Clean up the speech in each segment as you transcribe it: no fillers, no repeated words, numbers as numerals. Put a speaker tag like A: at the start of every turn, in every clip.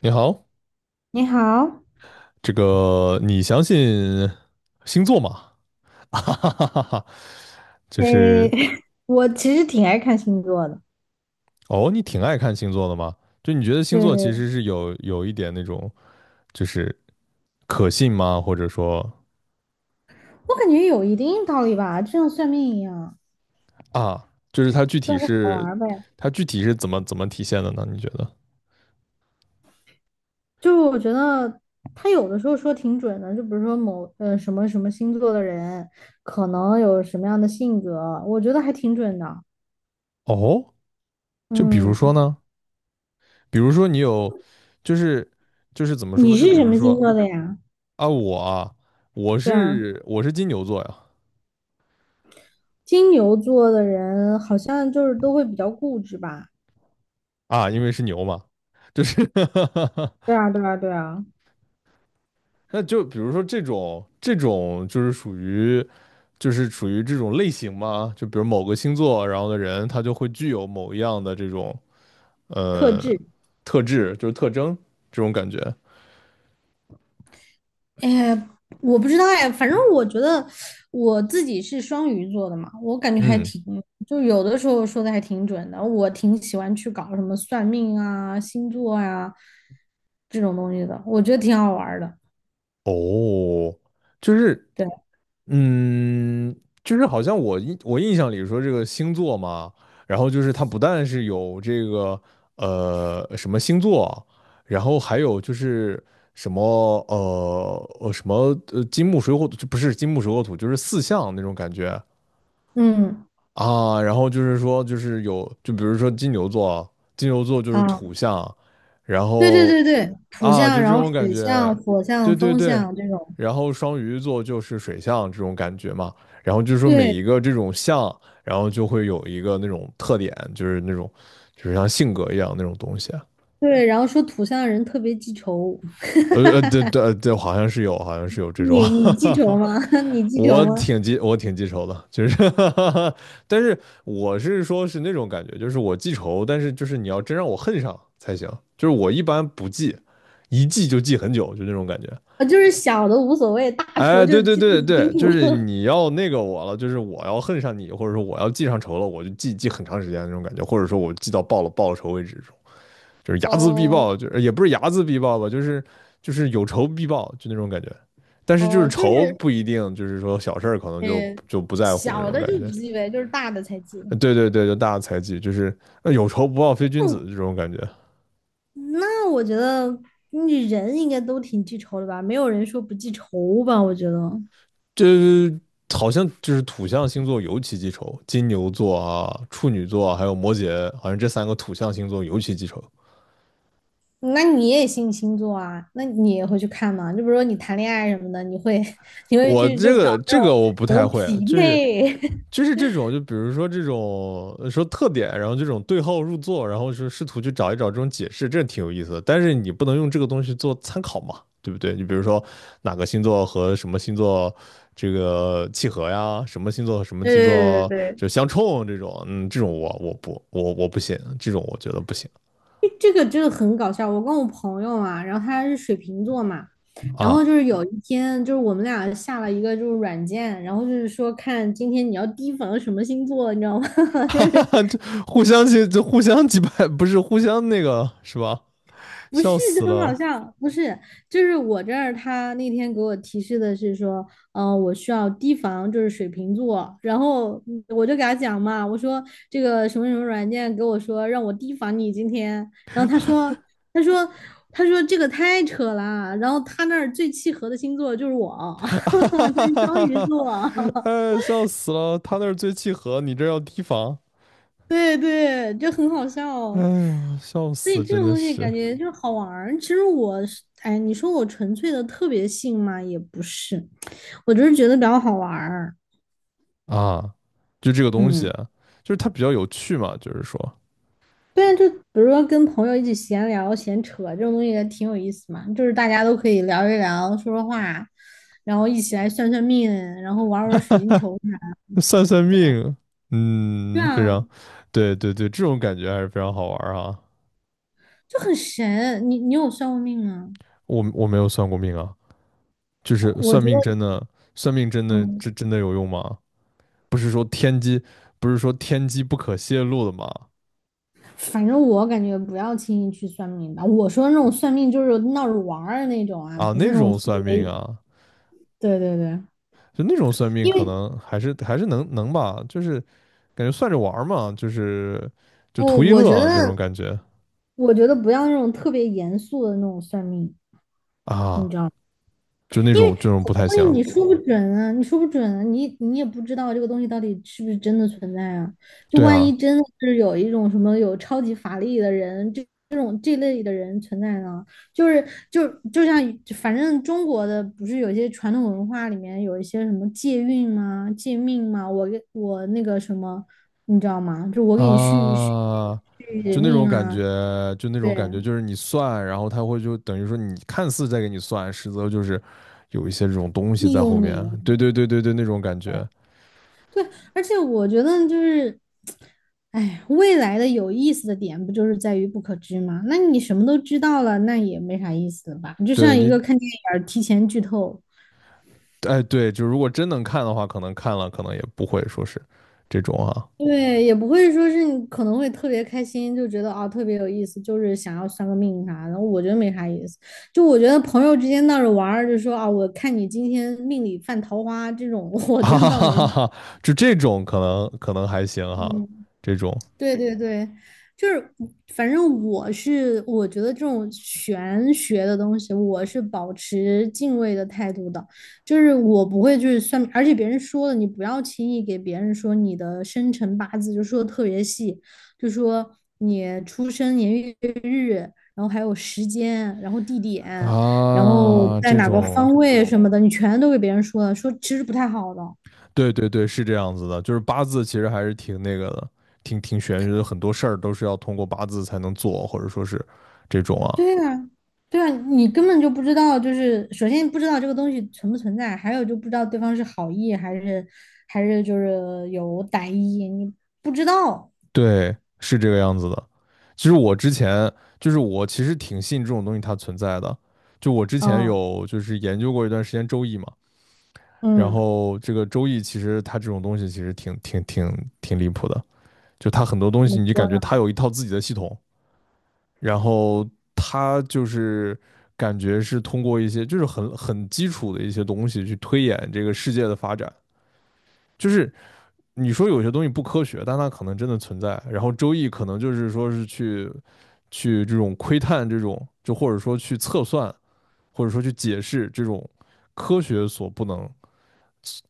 A: 你好，
B: 你好。
A: 这个你相信星座吗？哈哈哈哈哈，就
B: 诶，
A: 是
B: 我其实挺爱看星座的。
A: 哦，你挺爱看星座的吗？就你觉得星
B: 对
A: 座其
B: 对。
A: 实是有一点那种，就是可信吗？或者说
B: 我感觉有一定道理吧，就像算命一样。
A: 啊，就是
B: 对，好玩儿呗。
A: 它具体是怎么体现的呢？你觉得？
B: 就是我觉得他有的时候说挺准的，就比如说某什么什么星座的人可能有什么样的性格，我觉得还挺准的。
A: 哦，就比如说
B: 嗯。
A: 呢，比如说你有，就是就是怎么说？
B: 你
A: 就
B: 是
A: 比
B: 什
A: 如
B: 么
A: 说
B: 星座的呀？
A: 啊，我啊，我
B: 对啊，
A: 是我是金牛座呀。
B: 金牛座的人好像就是都会比较固执吧？
A: 啊，因为是牛嘛，就是
B: 对啊，对啊，对啊。
A: 那就比如说这种就是属于这种类型嘛，就比如某个星座，然后的人他就会具有某一样的这种
B: 特
A: 呃
B: 质。
A: 特质，就是特征这种感觉。
B: 哎，我不知道哎，反正我觉得我自己是双鱼座的嘛，我感觉还
A: 嗯，
B: 挺，就有的时候说的还挺准的。我挺喜欢去搞什么算命啊、星座啊这种东西的，我觉得挺好玩儿的。
A: 哦，就是
B: 对。
A: 嗯，就是好像我印象里说这个星座嘛，然后就是它不但是有这个什么星座，然后还有就是什么什么金木水火土，就不是金木水火土，就是四象那种感觉。
B: 嗯。
A: 啊，然后就是说，就是有，就比如说金牛座啊，金牛座就是
B: 啊，
A: 土象，然
B: 对对
A: 后
B: 对对，土
A: 啊，
B: 象，
A: 就这
B: 然后
A: 种感
B: 水
A: 觉，
B: 象、火
A: 对
B: 象、
A: 对
B: 风
A: 对，
B: 象这种。
A: 然后双鱼座就是水象这种感觉嘛，然后就是说每一
B: 对
A: 个这种象，然后就会有一个那种特点，就是那种就是像性格一样那种东西。
B: 对，然后说土象的人特别记仇。
A: 对对，对，好像是有这种，
B: 你
A: 哈
B: 你记
A: 哈
B: 仇
A: 哈，
B: 吗？你记仇吗？
A: 我挺记仇的，就是 但是我是说是那种感觉，就是我记仇，但是就是你要真让我恨上才行，就是我一般不记，一记就记很久，就那种感觉。
B: 啊，就是小的无所谓，大
A: 哎，
B: 仇
A: 对
B: 就
A: 对
B: 记不
A: 对
B: 清
A: 对，就是
B: 楚。
A: 你要那个我了，就是我要恨上你，或者说我要记上仇了，我就记很长时间那种感觉，或者说我记到报了仇为止，就是 睚眦必
B: 哦。
A: 报，就是也不是睚眦必报吧，就是有仇必报，就那种感觉。但是就是
B: 哦，就
A: 仇
B: 是，
A: 不一定，就是说小事儿可能就
B: 嗯，
A: 就不在乎那
B: 小
A: 种
B: 的
A: 感
B: 就不
A: 觉。
B: 记呗，就是大的才记。
A: 对对对，就大的猜忌，就是有仇不报非君
B: 哦，
A: 子这种感觉。
B: 那我觉得你人应该都挺记仇的吧？没有人说不记仇吧？我觉得。
A: 这好像就是土象星座尤其记仇，金牛座啊、处女座啊还有摩羯，好像这三个土象星座尤其记仇。
B: 那你也信星座啊？那你也会去看吗？就比如说你谈恋爱什么的，你会 你会
A: 我
B: 去就
A: 这
B: 搞
A: 个
B: 那
A: 这个
B: 种
A: 我不
B: 什
A: 太
B: 么
A: 会，
B: 匹
A: 就是
B: 配？
A: 就是这种，就比如说这种说特点，然后这种对号入座，然后是试图去找一找这种解释，这挺有意思的。但是你不能用这个东西做参考嘛，对不对？你比如说哪个星座和什么星座这个契合呀，什么星座和什么星
B: 对对对
A: 座就
B: 对。
A: 相冲这种，嗯，这种我不信，这种我觉得不行
B: 诶，这个真的很搞笑。我跟我朋友啊，然后他是水瓶座嘛，然后
A: 啊，
B: 就是有一天，就是我们俩下了一个就是软件，然后就是说看今天你要提防什么星座，你知道吗？就
A: 哈哈
B: 是
A: 哈，就互相击败，不是互相那个是吧？
B: 不
A: 笑
B: 是，就
A: 死
B: 很搞
A: 了。
B: 笑。不是，就是我这儿他那天给我提示的是说，我需要提防就是水瓶座，然后我就给他讲嘛，我说这个什么什么软件给我说让我提防你今天，然后他说，他说这个太扯了，然后他那儿最契合的星座就是我，就是双鱼
A: 哈，
B: 座。
A: 哎，笑死了！他那儿最契合，你这儿要提防。
B: 对对，就很好笑
A: 哎
B: 哦。
A: 呀，笑
B: 所以
A: 死，
B: 这
A: 真
B: 种
A: 的
B: 东西
A: 是
B: 感觉就好玩儿。其实我是，哎，你说我纯粹的特别信嘛，也不是，我就是觉得比较好玩儿。
A: 啊！就这个东西，
B: 嗯，
A: 就是它比较有趣嘛，就是说
B: 对啊，就比如说跟朋友一起闲聊、闲扯这种东西也挺有意思嘛，就是大家都可以聊一聊、说说话，然后一起来算算命，然后玩儿玩儿水晶球啥的。
A: 算算命，
B: 对
A: 嗯，非
B: 啊，
A: 常，对对对，这种感觉还是非常好玩儿啊。
B: 就很神。你有算过命吗？
A: 我没有算过命啊，就是
B: 我
A: 算
B: 觉得，
A: 命真的，真
B: 嗯。
A: 真的有用吗？不是说天机，不是说天机不可泄露的吗？
B: 反正我感觉不要轻易去算命吧。我说那种算命就是闹着玩儿的那种啊，
A: 啊，
B: 不是
A: 那
B: 那种
A: 种
B: 特
A: 算
B: 别。
A: 命啊，
B: 对对对，
A: 就那种算命
B: 因
A: 可
B: 为
A: 能还是能吧，就是感觉算着玩儿嘛，就是就
B: 我
A: 图一
B: 我觉
A: 乐那种
B: 得
A: 感觉
B: 我觉得不要那种特别严肃的那种算命。
A: 啊，就那
B: 因为
A: 种这
B: 很
A: 种不
B: 多
A: 太
B: 东
A: 行。
B: 西你说不准啊，你说不准啊，你也不知道这个东西到底是不是真的存在啊。就
A: 对
B: 万一
A: 啊
B: 真的是有一种什么有超级法力的人，这这类的人存在呢，就是就像反正中国的不是有些传统文化里面有一些什么借运吗、借命吗？我给我那个什么，你知道吗？就我给你续续
A: 啊，
B: 续
A: 就那种
B: 命
A: 感
B: 啊，
A: 觉，
B: 对，
A: 就是你算，然后他会就等于说你看似在给你算，实则就是有一些这种东西
B: 利
A: 在后
B: 用
A: 面。
B: 你啊，
A: 对对对对对，那种感
B: 对。
A: 觉。
B: 对，而且我觉得就是，哎，未来的有意思的点不就是在于不可知吗？那你什么都知道了，那也没啥意思了吧？就
A: 对
B: 像一个
A: 你，
B: 看电影儿提前剧透，
A: 哎对，就如果真能看的话，可能看了可能也不会说是这种啊。
B: 对，也不会说是你可能会特别开心，就觉得啊、特别有意思，就是想要算个命啥的，我觉得没啥意思。就我觉得朋友之间闹着玩儿，就说啊，我看你今天命里犯桃花这种，我觉
A: 哈
B: 得
A: 哈
B: 倒没什
A: 哈
B: 么。
A: 哈，就这种可能还行哈，
B: 嗯
A: 这种
B: 对对对，就是反正我觉得这种玄学的东西，我是保持敬畏的态度的，就是我不会去算命而且别人说的你不要轻易给别人说你的生辰八字，就说的特别细，就说你出生年月日，然后还有时间，然后地点，然后哦
A: 啊，
B: 在
A: 这
B: 哪个
A: 种，
B: 方位什么的，你全都给别人说了，说其实不太好的。
A: 对对对，是这样子的，就是八字其实还是挺那个的，挺玄学的，很多事儿都是要通过八字才能做，或者说是这种啊，
B: 对啊，对啊，你根本就不知道，就是首先不知道这个东西存不存在，还有就不知道对方是好意还是就是有歹意，你不知道。
A: 对，是这个样子的。其实我之前就是我其实挺信这种东西它存在的，就我之前
B: 嗯
A: 有就是研究过一段时间周易嘛，然
B: 嗯，
A: 后这个周易其实它这种东西其实挺离谱的。就他很多东
B: 怎
A: 西，
B: 么
A: 你就
B: 说
A: 感觉
B: 呢？
A: 他有一套自己的系统，然后他就是感觉是通过一些就是很基础的一些东西去推演这个世界的发展。就是你说有些东西不科学，但它可能真的存在。然后周易可能就是说是去这种窥探这种，就或者说去测算，或者说去解释这种科学所不能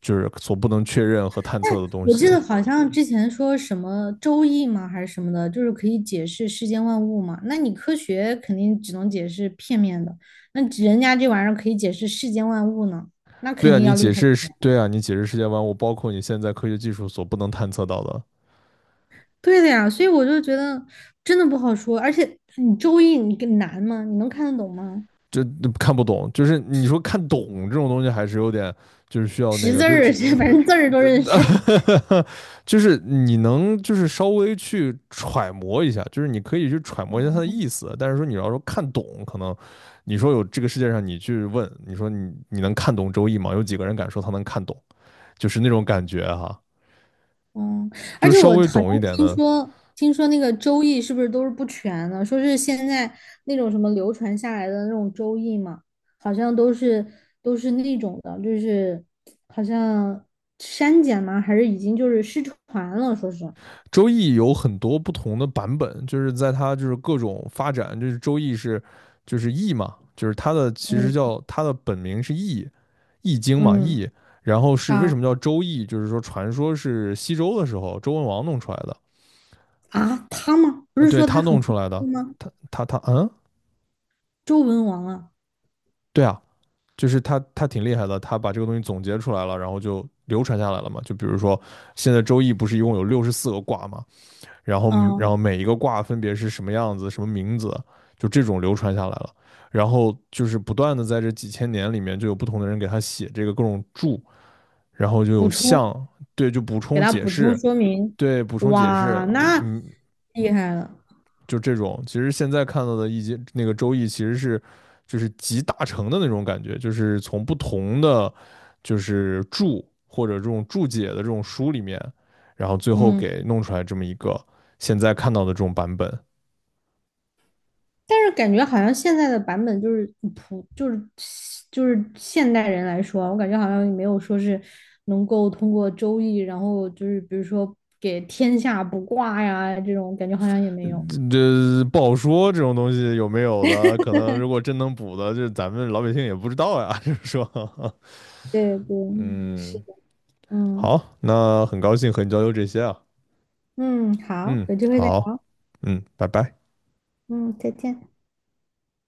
A: 就是所不能确认和探测的东
B: 我
A: 西。
B: 记得好像之前说什么周易吗，还是什么的，就是可以解释世间万物嘛。那你科学肯定只能解释片面的，那人家这玩意儿可以解释世间万物呢，那
A: 对
B: 肯
A: 啊，
B: 定
A: 你
B: 要厉
A: 解
B: 害。
A: 释是，对啊，你解释世界万物，我包括你现在科学技术所不能探测到的，
B: 对的呀，所以我就觉得真的不好说，而且你周易你更难吗？你能看得懂吗？
A: 这看不懂，就是你说看懂这种东西，还是有点，就是需要那
B: 识
A: 个，
B: 字
A: 就
B: 儿，
A: 只，
B: 反正字儿都认识
A: 就是你能就是稍微去揣摩一下，就是你可以去揣摩一下它的意 思，但是说你要说看懂，可能你说有这个世界上，你去问，你说你能看懂《周易》吗？有几个人敢说他能看懂？就是那种感觉哈、
B: 嗯，而
A: 就是
B: 且
A: 稍
B: 我
A: 微
B: 好像
A: 懂一点
B: 听
A: 的，
B: 说，听说那个周易是不是都是不全的？说是现在那种什么流传下来的那种周易嘛，好像都是那种的，就是好像删减吗？还是已经就是失传了？说是，
A: 周易有很多不同的版本，就是在它就是各种发展，就是周易是就是易嘛，就是它的其实
B: 嗯
A: 叫它的本名是易易经嘛
B: 嗯
A: 易，然后是为
B: 啊
A: 什么叫周易，就是说传说是西周的时候周文王弄出来的，
B: 啊，他吗？不
A: 啊
B: 是
A: 对
B: 说
A: 他
B: 他很
A: 弄出来的，
B: 会吗？
A: 他嗯，
B: 周文王啊，
A: 对啊，就是他挺厉害的，他把这个东西总结出来了，然后就流传下来了嘛。就比如说现在周易不是一共有64个卦吗？然后然
B: 嗯，
A: 后每一个卦分别是什么样子、什么名字，就这种流传下来了。然后就是不断的在这几千年里面，就有不同的人给他写这个各种注，然后就
B: 补
A: 有
B: 充，
A: 象，对，就补
B: 给
A: 充
B: 他
A: 解
B: 补充
A: 释，
B: 说明，
A: 对，补充解释，
B: 哇，
A: 嗯，
B: 那
A: 嗯
B: 厉害了，
A: 就这种。其实现在看到的易经那个周易，其实是就是集大成的那种感觉，就是从不同的就是注或者这种注解的这种书里面，然后最后
B: 嗯，
A: 给弄出来这么一个现在看到的这种版本。
B: 但是感觉好像现在的版本就是普，就是就是现代人来说啊，我感觉好像也没有说是能够通过周易，然后就是比如说给天下卜卦呀这种，感觉好像也没有。
A: 这不好说，这种东西有没有的，可能如果真能补的，是咱们老百姓也不知道呀。就是说，
B: 对 对，是
A: 嗯，
B: 的，嗯
A: 好，那很高兴和你交流这些啊。
B: 嗯，好，
A: 嗯，
B: 有机会再
A: 好，
B: 聊，
A: 嗯，拜拜。
B: 嗯，再见。